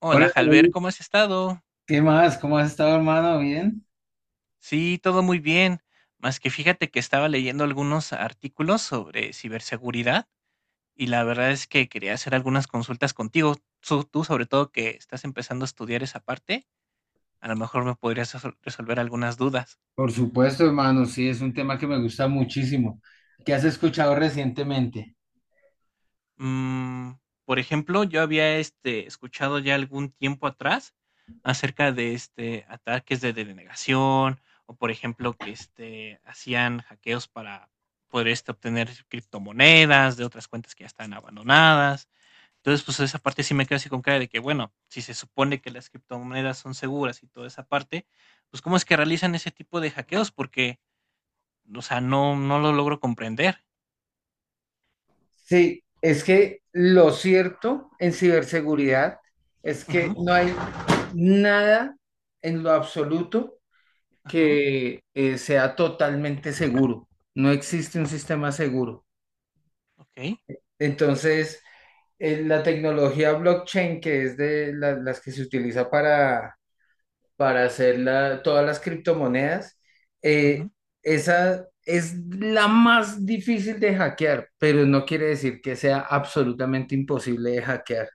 Hola, Hola, Jalber, David. ¿cómo has estado? ¿Qué más? ¿Cómo has estado, hermano? ¿Bien? Sí, todo muy bien. Más que fíjate que estaba leyendo algunos artículos sobre ciberseguridad y la verdad es que quería hacer algunas consultas contigo. Tú, sobre todo que estás empezando a estudiar esa parte, a lo mejor me podrías resolver algunas dudas. Por supuesto, hermano, sí, es un tema que me gusta muchísimo. ¿Qué has escuchado recientemente? Mm, por ejemplo, yo había escuchado ya algún tiempo atrás acerca de ataques de denegación o por ejemplo que hacían hackeos para poder obtener criptomonedas de otras cuentas que ya están abandonadas. Entonces, pues esa parte sí me queda así con cara de que, bueno, si se supone que las criptomonedas son seguras y toda esa parte, pues cómo es que realizan ese tipo de hackeos porque, o sea, no lo logro comprender. Sí, es que lo cierto en ciberseguridad es que Ujú, no hay nada en lo absoluto ajá, que sea totalmente seguro. No existe un sistema seguro. ok, Entonces, la tecnología blockchain, que es de las que se utiliza para hacer todas las criptomonedas, eh, ujú. esa es la más difícil de hackear, pero no quiere decir que sea absolutamente imposible de hackear.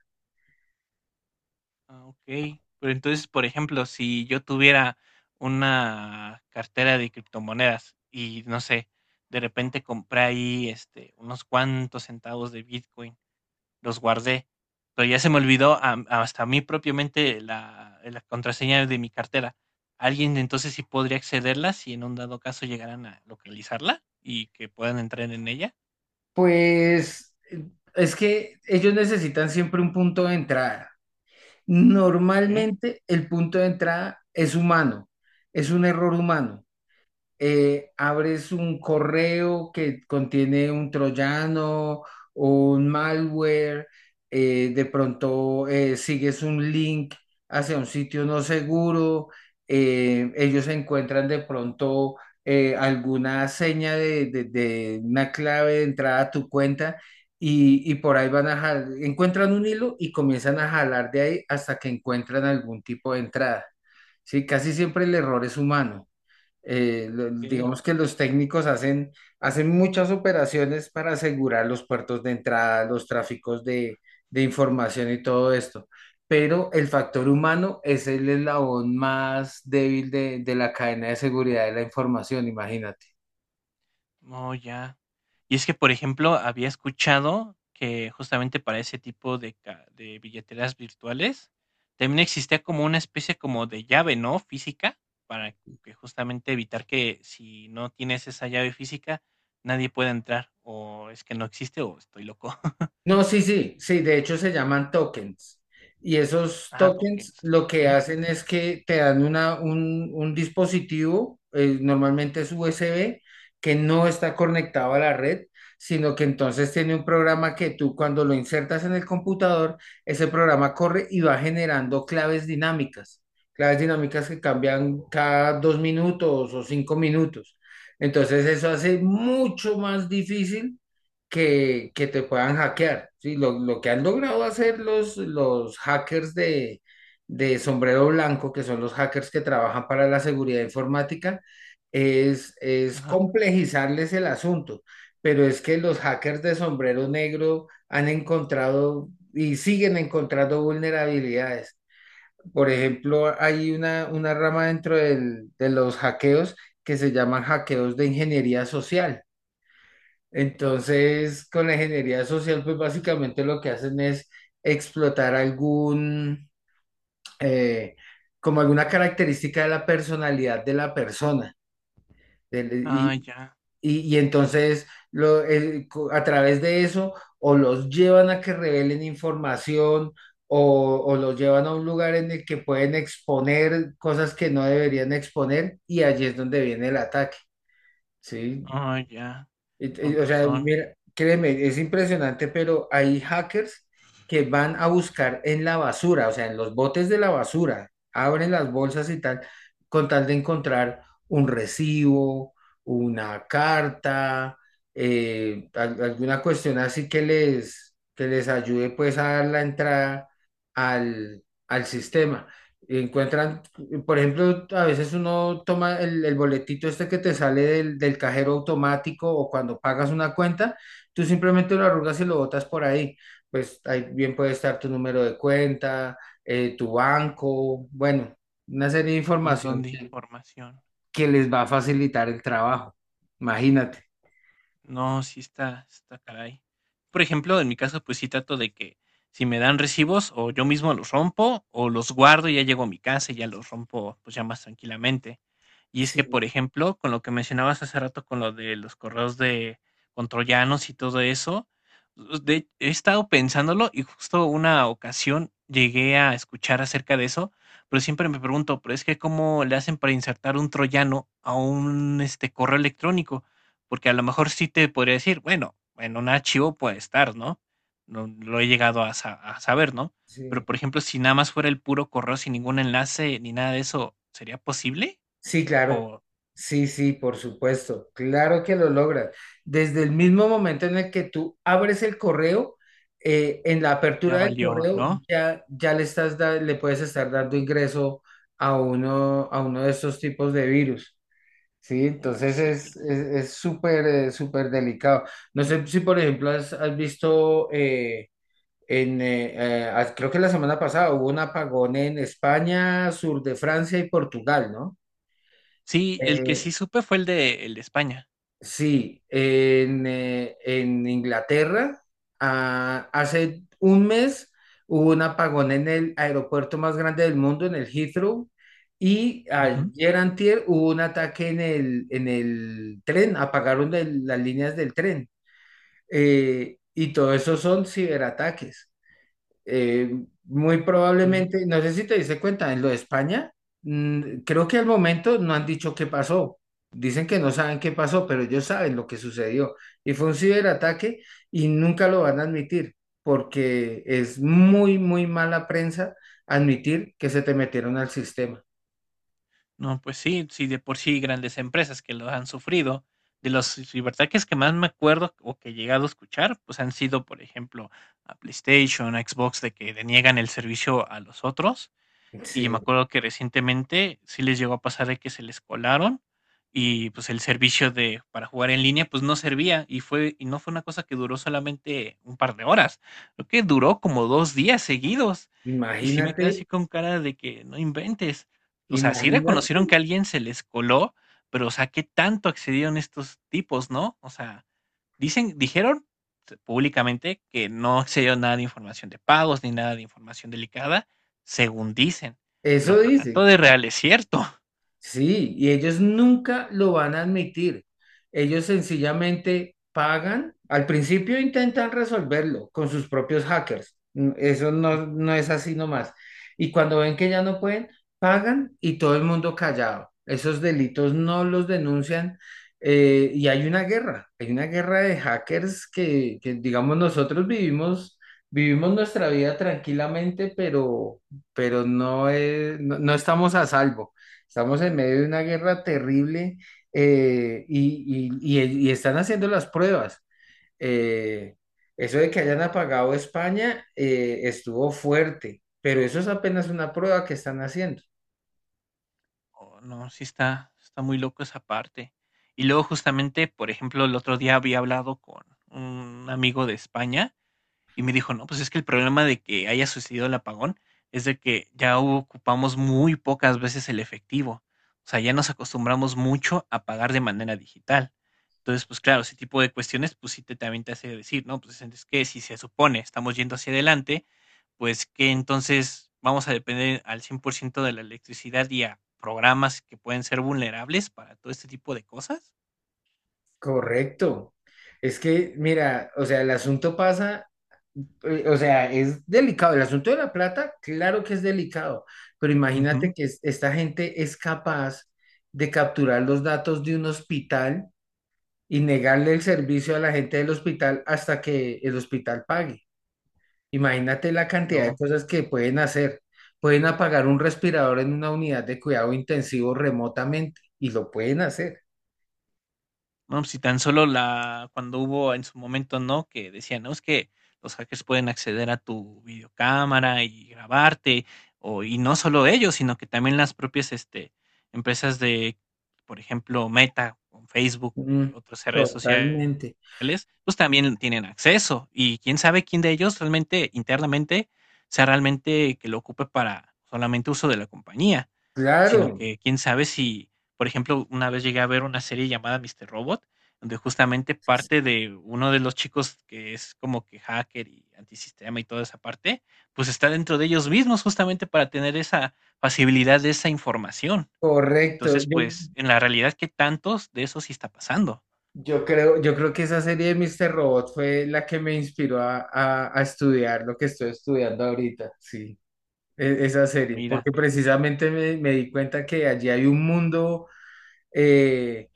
Ah, okey. Pero entonces, por ejemplo, si yo tuviera una cartera de criptomonedas y, no sé, de repente compré ahí, unos cuantos centavos de Bitcoin, los guardé, pero ya se me olvidó am hasta a mí propiamente la contraseña de mi cartera. ¿Alguien entonces sí podría accederla si en un dado caso llegaran a localizarla y que puedan entrar en ella? Pues es que ellos necesitan siempre un punto de entrada. Okey, Normalmente el punto de entrada es humano, es un error humano. Abres un correo que contiene un troyano o un malware, de pronto sigues un link hacia un sitio no seguro, ellos encuentran de pronto alguna seña de, de una clave de entrada a tu cuenta. Y por ahí van a jalar, encuentran un hilo y comienzan a jalar de ahí hasta que encuentran algún tipo de entrada. Sí, casi siempre el error es humano. Okey. Digamos que los técnicos hacen, hacen muchas operaciones para asegurar los puertos de entrada, los tráficos de información y todo esto. Pero el factor humano es el eslabón más débil de la cadena de seguridad de la información, imagínate. Oh, ya. Y es que, por ejemplo, había escuchado que justamente para ese tipo de, de billeteras virtuales también existía como una especie como de llave, ¿no? Física, para que justamente evitar que si no tienes esa llave física, nadie pueda entrar. O es que no existe o estoy loco. No, sí, sí, sí, de hecho se llaman tokens. Y esos Ah, tokens tokens, lo que ok. hacen es que te dan una, un dispositivo, normalmente es USB, que no está conectado a la red, sino que entonces tiene un programa que tú cuando lo insertas en el computador, ese programa corre y va generando claves dinámicas que cambian cada dos minutos o cinco minutos. Entonces eso hace mucho más difícil que te puedan hackear. ¿Sí? Lo que han logrado hacer los hackers de sombrero blanco, que son los hackers que trabajan para la seguridad informática, es Ajá. complejizarles el asunto. Pero es que los hackers de sombrero negro han encontrado y siguen encontrando vulnerabilidades. Por ejemplo, hay una rama dentro de los hackeos que se llaman hackeos de ingeniería social. Entonces, con la ingeniería social, pues básicamente lo que hacen es explotar algún, eh, como alguna característica de la personalidad de la persona. del- Ah, y, ya. y entonces, a través de eso, o los llevan a que revelen información o los llevan a un lugar en el que pueden exponer cosas que no deberían exponer y allí es donde viene el ataque, ¿sí? Ah, ya. Con O sea, razón. mira, créeme, es impresionante, pero hay hackers que van a buscar en la basura, o sea, en los botes de la basura, abren las bolsas y tal, con tal de encontrar un recibo, una carta, alguna cuestión así que les ayude pues a dar la entrada al, al sistema. Encuentran, por ejemplo, a veces uno toma el boletito este que te sale del, del cajero automático o cuando pagas una cuenta, tú simplemente lo arrugas y lo botas por ahí. Pues ahí bien puede estar tu número de cuenta, tu banco, bueno, una serie de Un montón información de información. que les va a facilitar el trabajo. Imagínate. No, sí está caray. Por ejemplo, en mi caso, pues sí trato de que si me dan recibos, o yo mismo los rompo, o los guardo y ya llego a mi casa y ya los rompo, pues ya más tranquilamente. Y es Sí, que, por ejemplo, con lo que mencionabas hace rato, con lo de los correos de con troyanos y todo eso, pues, he estado pensándolo y justo una ocasión llegué a escuchar acerca de eso, pero siempre me pregunto, pero es que ¿cómo le hacen para insertar un troyano a un correo electrónico? Porque a lo mejor sí te podría decir, bueno, en un archivo puede estar, ¿no? No lo he llegado a, a saber, ¿no? Pero, sí. por ejemplo, si nada más fuera el puro correo sin ningún enlace ni nada de eso, ¿sería posible? Sí, claro. ¿O Sí, sí, por supuesto. Claro que lo logras. Desde el mismo momento en el que tú abres el correo, en la apertura ya del valió, correo no? ya, ya le le puedes estar dando ingreso a uno de estos tipos de virus. Sí, Oh, entonces es, cielo. es, es súper, súper delicado. No sé si, por ejemplo, has, has visto, creo que la semana pasada hubo un apagón en España, sur de Francia y Portugal, ¿no? Sí, el que Eh, sí supe fue el de España. Sí, en Inglaterra, hace un mes hubo un apagón en el aeropuerto más grande del mundo, en el Heathrow, y Ujú. ayer antier hubo un ataque en el tren, apagaron las líneas del tren. Y todo eso son ciberataques. Eh, Muy Ule. probablemente, no sé si te diste cuenta, en lo de España, creo que al momento no han dicho qué pasó. Dicen que no saben qué pasó, pero ellos saben lo que sucedió. Y fue un ciberataque y nunca lo van a admitir, porque es muy, muy mala prensa admitir que se te metieron al sistema. No, pues sí, sí, de por sí grandes empresas que lo han sufrido. De los ciberataques que más me acuerdo o que he llegado a escuchar, pues han sido, por ejemplo, a PlayStation, a Xbox, de que deniegan el servicio a los otros. Y me Sí, acuerdo que recientemente sí les llegó a pasar de que se les colaron y, pues, el servicio de para jugar en línea, pues, no servía, y fue y no fue una cosa que duró solamente un par de horas, creo que duró como 2 días seguidos, y sí me quedé así imagínate, con cara de que no inventes. O sea, sí imagínate. reconocieron que a alguien se les coló, pero, o sea, ¿qué tanto accedieron estos tipos, no? O sea, dicen dijeron públicamente que no se dio nada de información de pagos, ni nada de información delicada, según dicen, pero Eso que tanto dicen. de real es cierto. Sí, y ellos nunca lo van a admitir. Ellos sencillamente pagan. Al principio intentan resolverlo con sus propios hackers. Mm. Eso Ujú. no, no es así nomás. Y cuando ven que ya no pueden, pagan y todo el mundo callado. Esos delitos no los denuncian. Y hay una guerra de hackers que digamos, nosotros vivimos, vivimos nuestra vida tranquilamente, pero no, no, no estamos a salvo. Estamos en medio de una guerra terrible. Y están haciendo las pruebas. Eh, Eso de que hayan apagado España estuvo fuerte, pero eso es apenas una prueba que están haciendo. Oh, no, sí está está muy loco esa parte. Y luego, justamente, por ejemplo, el otro día había hablado con un amigo de España, y me dijo, no, pues es que el problema de que haya sucedido el apagón es de que ya ocupamos muy pocas veces el efectivo. O sea, ya nos acostumbramos mucho a pagar de manera digital. Entonces, pues claro, ese tipo de cuestiones, pues sí también te hace decir, ¿no? Pues es que si se supone estamos yendo hacia adelante, pues que entonces vamos a depender al 100% de la electricidad y a programas que pueden ser vulnerables para todo este tipo de cosas. Correcto. Es que, mira, o sea, el asunto pasa, o sea, es delicado. El asunto de la plata, claro que es delicado, pero imagínate Ujú. que esta gente es capaz de capturar los datos de un hospital y negarle el servicio a la gente del hospital hasta que el hospital pague. Imagínate la cantidad de No. cosas que pueden hacer. Pueden apagar un respirador en una unidad de cuidado intensivo remotamente y lo pueden hacer. No, si tan solo la cuando hubo en su momento, ¿no? Que decían, no, es que los hackers pueden acceder a tu videocámara y grabarte, o, y no solo ellos, sino que también las propias empresas de, por ejemplo, Meta, con Facebook y Mm, otras redes sociales, totalmente. pues también tienen acceso. Y quién sabe quién de ellos realmente, internamente, sea realmente que lo ocupe para solamente uso de la compañía, sino Claro, que quién sabe si por ejemplo, una vez llegué a ver una serie llamada Mister Robot, donde justamente parte de uno de los chicos que es como que hacker y antisistema y toda esa parte, pues está dentro de ellos mismos justamente para tener esa facilidad de esa información. correcto. Entonces, Yo, pues en la realidad, ¿qué tantos de eso sí está pasando? yo creo, yo creo que esa serie de Mr. Robot fue la que me inspiró a, a estudiar lo que estoy estudiando ahorita. Sí, esa Ah, serie, mira, porque precisamente me, me di cuenta que allí hay un mundo. eh,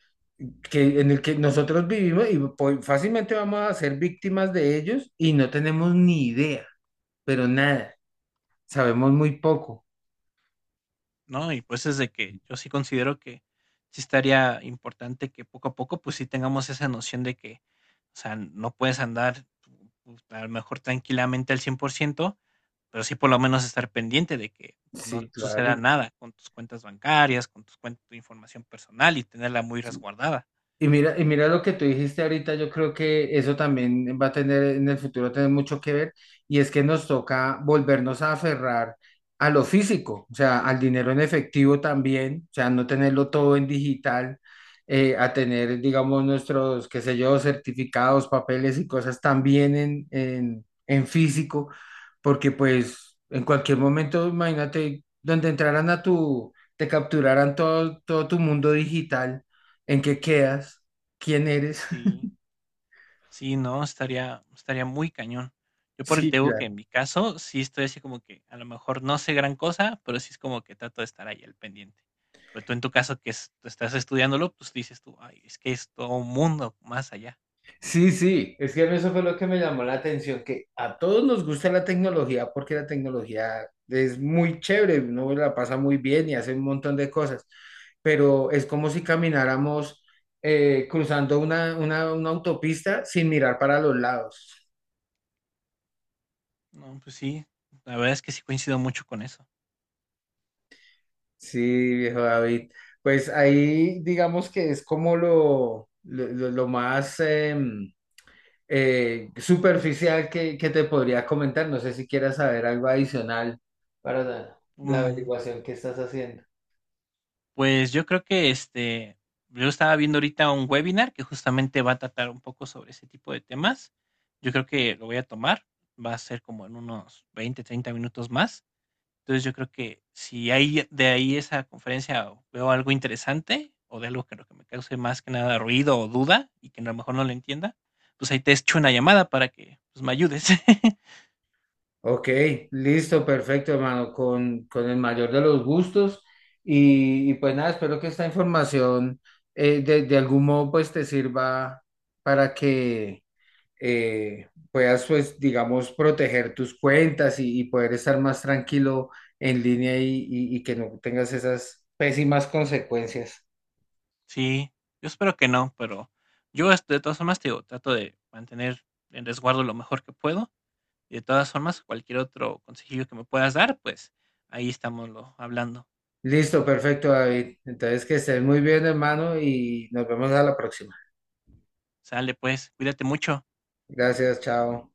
que, en el que nosotros vivimos y fácilmente vamos a ser víctimas de ellos y no tenemos ni idea, pero nada, sabemos muy poco. ¿no? Y pues es de que yo sí considero que sí estaría importante que poco a poco, pues sí tengamos esa noción de que, o sea, no puedes andar pues, a lo mejor tranquilamente al 100%, pero sí por lo menos estar pendiente de que pues, no Sí, suceda claro. nada con tus cuentas bancarias, con tus cuentas, tu información personal y tenerla muy resguardada. Y mira lo que tú dijiste ahorita, yo creo que eso también va a tener en el futuro tener mucho que ver, y es que nos toca volvernos a aferrar a lo físico, o sea, al dinero en efectivo también, o sea, no tenerlo todo en digital, a tener, digamos, nuestros, qué sé yo, certificados, papeles y cosas también en físico, porque pues en cualquier momento, imagínate, donde entraran a tu, te capturaran todo, todo tu mundo digital, en qué quedas, quién eres. Sí, sí, no, estaría, estaría muy cañón. Yo por el Sí, tengo que en claro. mi caso sí estoy así como que a lo mejor no sé gran cosa, pero sí es como que trato de estar ahí al pendiente. Pero tú en tu caso que estás estudiándolo, pues dices tú, ay, es que es todo un mundo más allá. Sí, sí, es que a mí eso fue lo que me llamó la atención, que a todos nos gusta la tecnología porque la tecnología es muy chévere, uno la pasa muy bien y hace un montón de cosas, pero es como si camináramos cruzando una autopista sin mirar para los lados. No, pues sí, la verdad es que sí coincido mucho con eso. Sí, viejo David, pues ahí digamos que es como lo más... superficial que te podría comentar. No sé si quieras saber algo adicional para la, la Mm, averiguación que estás haciendo. Pues yo creo que yo estaba viendo ahorita un webinar que justamente va a tratar un poco sobre ese tipo de temas. Yo creo que lo voy a tomar, va a ser como en unos 20, 30 minutos más. Entonces yo creo que si hay de ahí esa conferencia veo algo interesante o de algo que, lo que me cause más que nada ruido o duda y que a lo mejor no lo entienda, pues ahí te echo una llamada para que pues, me ayudes. Ok, listo, perfecto, hermano, con el mayor de los gustos. Y pues nada, espero que esta información de algún modo pues te sirva para que puedas pues digamos proteger tus cuentas y poder estar más tranquilo en línea y que no tengas esas pésimas consecuencias. Sí, yo espero que no, pero yo de todas formas te digo, trato de mantener en resguardo lo mejor que puedo de todas formas, cualquier otro consejillo que me puedas dar, pues ahí estamos lo hablando. Listo, perfecto, David. Entonces, que estés muy bien, hermano, y nos vemos a la próxima. Sale pues, cuídate mucho. Gracias, chao.